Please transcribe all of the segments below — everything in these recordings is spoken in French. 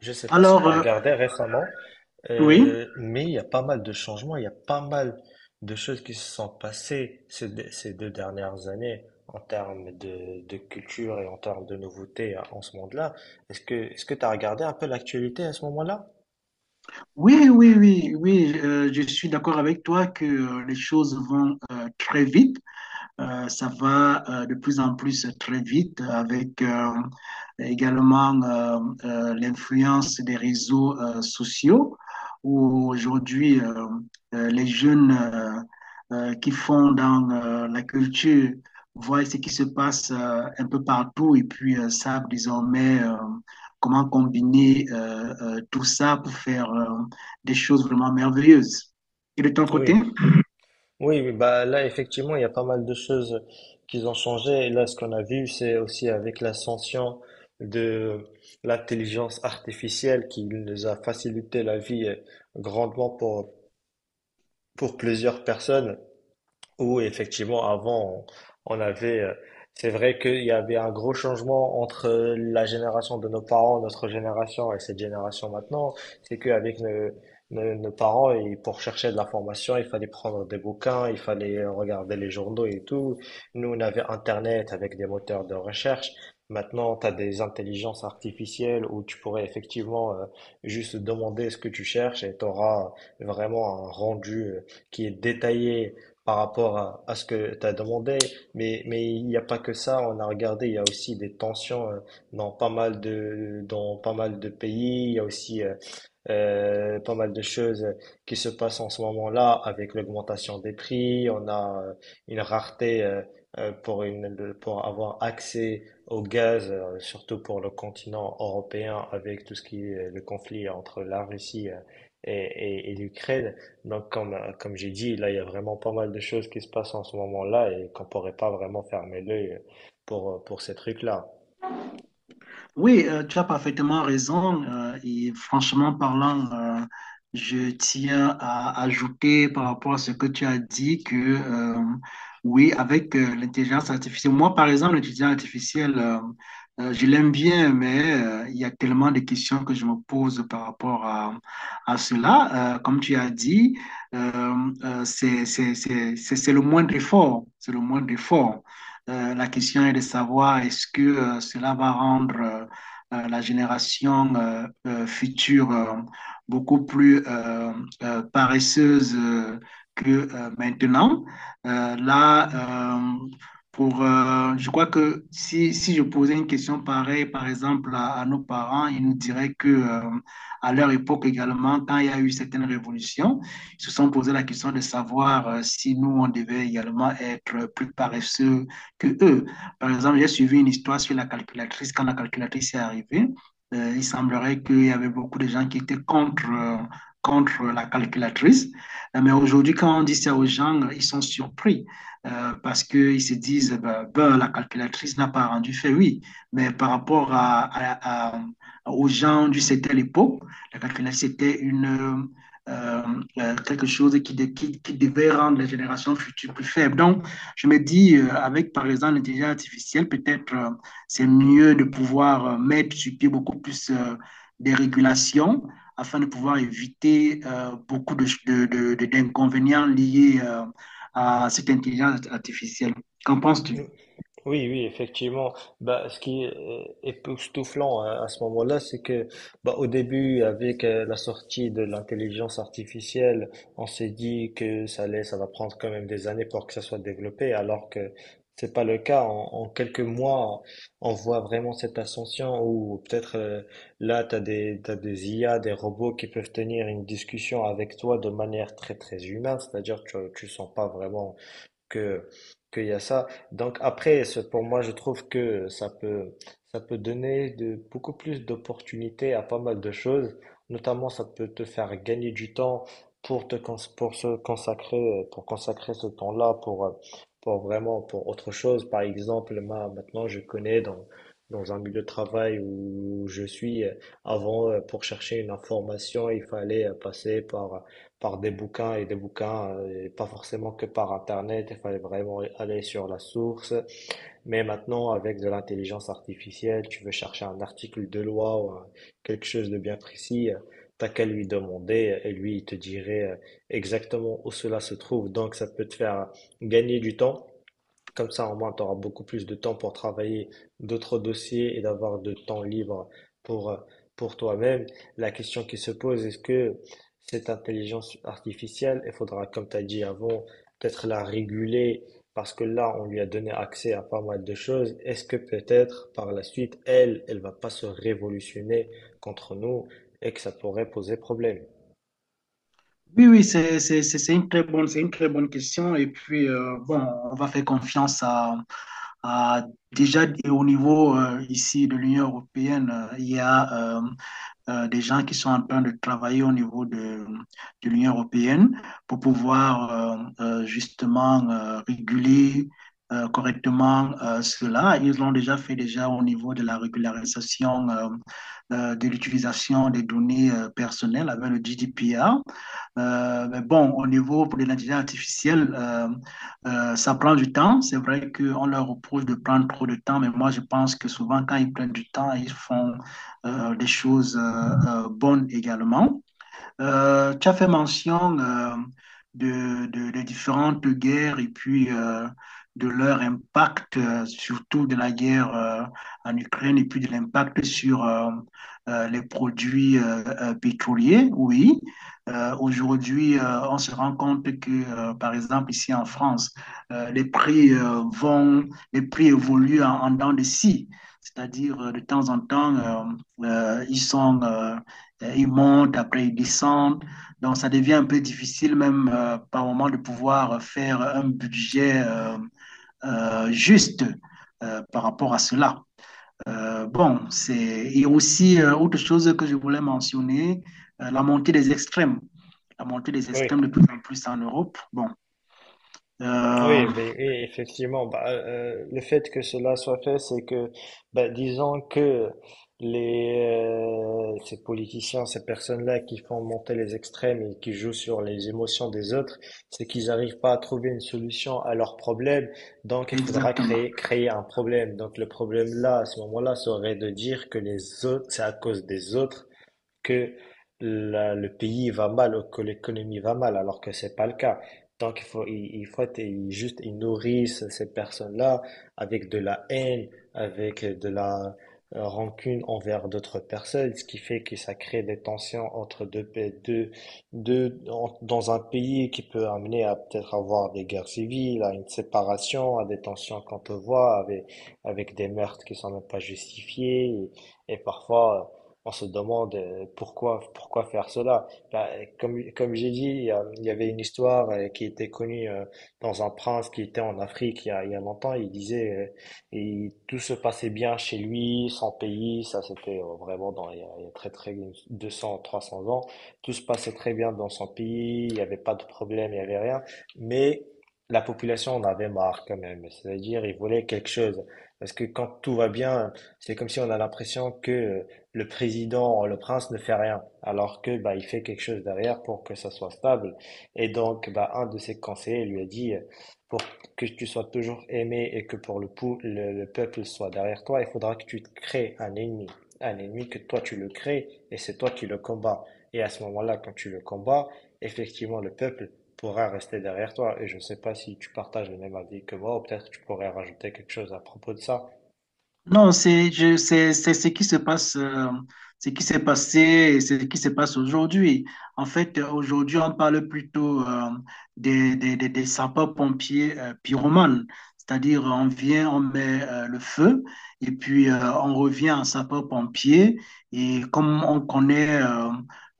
Je sais pas si Alors, tu as euh, regardé récemment, oui, mais il y a pas mal de changements, il y a pas mal de choses qui se sont passées ces deux dernières années en termes de culture et en termes de nouveautés en ce monde-là. Est-ce que tu as regardé un peu l'actualité à ce moment-là? oui, oui, oui, oui, je suis d'accord avec toi que les choses vont très vite. Ça va de plus en plus très vite avec également l'influence des réseaux sociaux où aujourd'hui les jeunes qui font dans la culture voient ce qui se passe un peu partout et puis savent désormais comment combiner tout ça pour faire des choses vraiment merveilleuses. Et de ton côté? Oui, oui, oui, bah là effectivement il y a pas mal de choses qui ont changé. Et là ce qu'on a vu c'est aussi avec l'ascension de l'intelligence artificielle qui nous a facilité la vie grandement pour plusieurs personnes où effectivement, avant, on avait, c'est vrai qu'il y avait un gros changement entre la génération de nos parents, notre génération et cette génération maintenant. C'est qu'avec nos parents, et pour chercher de l'information, il fallait prendre des bouquins, il fallait regarder les journaux et tout. Nous, on avait Internet avec des moteurs de recherche. Maintenant, tu as des intelligences artificielles où tu pourrais effectivement juste demander ce que tu cherches et tu auras vraiment un rendu qui est détaillé par rapport à ce que tu as demandé, mais il n'y a pas que ça, on a regardé, il y a aussi des tensions dans pas mal de pays, il y a aussi pas mal de choses qui se passent en ce moment-là avec l'augmentation des prix, on a une rareté pour avoir accès au gaz, surtout pour le continent européen avec tout ce qui est le conflit entre la Russie et l'Ukraine. Donc, comme j'ai dit, là, il y a vraiment pas mal de choses qui se passent en ce moment-là et qu'on pourrait pas vraiment fermer l'œil pour ces trucs-là. Oui, tu as parfaitement raison. Et franchement parlant, je tiens à ajouter par rapport à ce que tu as dit que oui, avec l'intelligence artificielle, moi par exemple, l'intelligence artificielle, je l'aime bien, mais il y a tellement de questions que je me pose par rapport à cela. Comme tu as dit, c'est le moindre effort. C'est le moindre effort. La question est de savoir est-ce que cela va rendre la génération future beaucoup plus paresseuse que maintenant. Euh, là, euh, je crois que si, je posais une question pareille, par exemple, à nos parents, ils nous diraient que à leur époque également, quand il y a eu certaines révolutions, ils se sont posé la question de savoir si nous, on devait également être plus paresseux que eux. Par exemple, j'ai suivi une histoire sur la calculatrice. Quand la calculatrice est arrivée, il semblerait qu'il y avait beaucoup de gens qui étaient contre, contre la calculatrice. Mais aujourd'hui, quand on dit ça aux gens, ils sont surpris parce qu'ils se disent la calculatrice n'a pas rendu fait, oui. Mais par rapport à, aux gens du c'était l'époque, la calculatrice était une. Quelque chose qui devait rendre les générations futures plus faibles. Donc, je me dis, avec par exemple l'intelligence artificielle, peut-être c'est mieux de pouvoir mettre sur pied beaucoup plus des régulations afin de pouvoir éviter beaucoup de d'inconvénients liés à cette intelligence artificielle. Qu'en penses-tu? Oui, oui, effectivement. Bah, ce qui est époustouflant hein, à ce moment-là, c'est que bah, au début, avec la sortie de l'intelligence artificielle, on s'est dit que ça allait, ça va prendre quand même des années pour que ça soit développé, alors que c'est pas le cas. En quelques mois, on voit vraiment cette ascension où peut-être là, t'as des IA, des robots qui peuvent tenir une discussion avec toi de manière très, très humaine, c'est-à-dire que tu sens pas vraiment que qu'il y a ça. Donc après, pour moi, je trouve que ça peut donner de beaucoup plus d'opportunités à pas mal de choses. Notamment, ça peut te faire gagner du temps pour consacrer ce temps-là pour vraiment, pour autre chose. Par exemple, moi, maintenant, je connais dans un milieu de travail où je suis avant pour chercher une information, il fallait passer par des bouquins, et pas forcément que par Internet, il fallait vraiment aller sur la source. Mais maintenant, avec de l'intelligence artificielle, tu veux chercher un article de loi ou quelque chose de bien précis, t'as qu'à lui demander et lui, il te dirait exactement où cela se trouve. Donc, ça peut te faire gagner du temps comme ça, au moins, tu auras beaucoup plus de temps pour travailler d'autres dossiers et d'avoir de temps libre pour, euh, pour toi-même. La question qui se pose, est-ce que cette intelligence artificielle, il faudra, comme tu as dit avant, peut-être la réguler parce que là, on lui a donné accès à pas mal de choses. Est-ce que peut-être par la suite, elle va pas se révolutionner contre nous et que ça pourrait poser problème? Oui, oui, c'est une très c'est une très bonne question. Et puis, bon, on va faire confiance à, Ah, déjà, et au niveau ici de l'Union européenne, il y a euh, des gens qui sont en train de travailler au niveau de l'Union européenne pour pouvoir justement réguler correctement cela. Ils l'ont déjà fait déjà au niveau de la régularisation de l'utilisation des données personnelles avec le GDPR. Mais bon, au niveau pour l'identité artificielle, ça prend du temps. C'est vrai qu'on leur reproche de prendre trop de temps, mais moi, je pense que souvent, quand ils prennent du temps, ils font des choses bonnes également. Tu as fait mention de, de différentes guerres et puis de leur impact, surtout de la guerre en Ukraine et puis de l'impact sur les produits pétroliers. Oui, aujourd'hui, on se rend compte que, par exemple, ici en France, les prix les prix évoluent en dents de scie. C'est-à-dire, de temps en temps, ils sont, Ils montent, après ils descendent. Donc, ça devient un peu difficile même par moment de pouvoir faire un budget juste par rapport à cela. Bon, c'est... Et aussi, autre chose que je voulais mentionner, la montée des extrêmes. La montée des Oui. extrêmes de plus en plus en Europe. Bon, euh, Oui, mais oui, effectivement, bah, le fait que cela soit fait, c'est que, bah, disons que ces politiciens, ces personnes-là qui font monter les extrêmes et qui jouent sur les émotions des autres, c'est qu'ils n'arrivent pas à trouver une solution à leurs problèmes. Donc, il faudra exactement. créer un problème. Donc, le problème là, à ce moment-là, serait de dire que les autres, c'est à cause des autres que le pays va mal ou que l'économie va mal, alors que c'est pas le cas. Donc il faut être- il- juste, ils nourrissent ces personnes-là avec de la haine, avec de la rancune envers d'autres personnes, ce qui fait que ça crée des tensions entre deux, deux, deux dans un pays qui peut amener à peut-être avoir des guerres civiles, à une séparation, à des tensions qu'on peut voir avec des meurtres qui sont même pas justifiés et parfois on se demande pourquoi faire cela. Bah, comme j'ai dit, il y avait une histoire qui était connue dans un prince qui était en Afrique il y a longtemps. Il disait, et tout se passait bien chez lui, son pays, ça c'était vraiment dans, il y a très très 200, 300 ans. Tout se passait très bien dans son pays, il n'y avait pas de problème, il n'y avait rien. Mais la population en avait marre quand même. C'est-à-dire, ils voulaient quelque chose. Parce que quand tout va bien, c'est comme si on a l'impression que le président, le prince ne fait rien, alors que bah, il fait quelque chose derrière pour que ça soit stable. Et donc, bah, un de ses conseillers lui a dit, pour que tu sois toujours aimé et que pour le peuple soit derrière toi, il faudra que tu te crées un ennemi. Un ennemi que toi tu le crées et c'est toi qui le combats. Et à ce moment-là, quand tu le combats, effectivement, le peuple pourra rester derrière toi. Et je ne sais pas si tu partages le même avis que moi, ou peut-être que tu pourrais rajouter quelque chose à propos de ça. Non, c'est je- c'est ce qui se passe, ce qui s'est passé et ce qui se passe aujourd'hui. En fait, aujourd'hui, on parle plutôt des sapeurs-pompiers pyromanes. C'est-à-dire, on vient, on met le feu et puis on revient en sapeur-pompier. Et comme on connaît euh,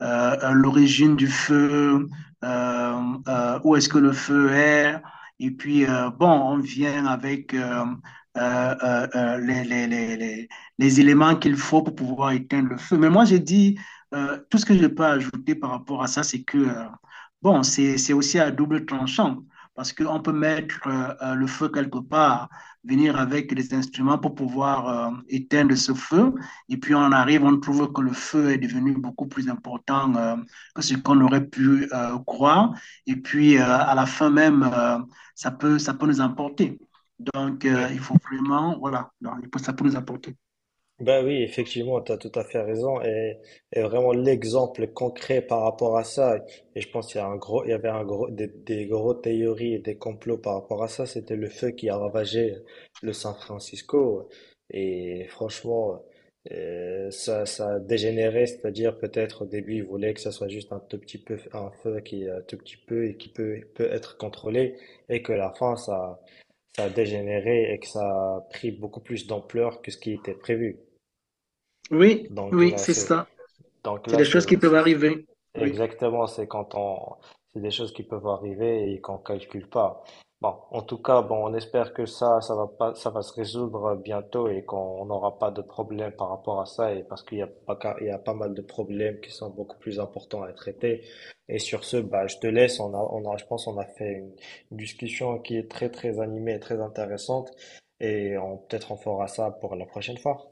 euh, euh, l'origine du feu, euh, où est-ce que le feu est, et puis, bon, on vient avec... euh, euh, euh, les, les, les, les- les éléments qu'il faut pour pouvoir éteindre le feu. Mais moi, j'ai dit, tout ce que je peux ajouter par rapport à ça, c'est que, bon, c'est aussi à double tranchant, parce qu'on peut mettre le feu quelque part, venir avec des instruments pour pouvoir éteindre ce feu, et puis on arrive, on trouve que le feu est devenu beaucoup plus important que ce qu'on aurait pu croire, et puis à la fin même, ça peut nous emporter. Donc, Oui. il faut vraiment, voilà, donc, ça peut nous apporter. Ben oui, effectivement, tu as tout à fait raison. Et vraiment l'exemple concret par rapport à ça, et je pense qu'il y a un gros, il y avait un gros, des gros théories et des complots par rapport à ça, c'était le feu qui a ravagé le San Francisco. Et franchement, ça a dégénéré, c'est-à-dire peut-être au début, ils voulaient que ça soit juste un tout petit peu, un feu qui est un tout petit peu et qui peut être contrôlé, et que la fin, ça a dégénéré et que ça a pris beaucoup plus d'ampleur que ce qui était prévu. Oui, Donc oui, là, c'est c'est ça. donc C'est là, des choses qui peuvent c'est- arriver. Oui. exactement, c'est des choses qui peuvent arriver et qu'on calcule pas. Bon, en tout cas, bon, on espère que ça va pas, ça va se résoudre bientôt et qu'on n'aura pas de problème par rapport à ça et parce qu'il y a pas mal de problèmes qui sont beaucoup plus importants à traiter. Et sur ce, bah, je te laisse. On a, je pense, on a fait une discussion qui est très, très animée et très intéressante et peut-être on fera ça pour la prochaine fois.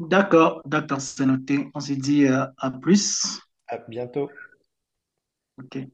D'accord, d'accord, c'est noté. On se dit à plus. À bientôt. OK.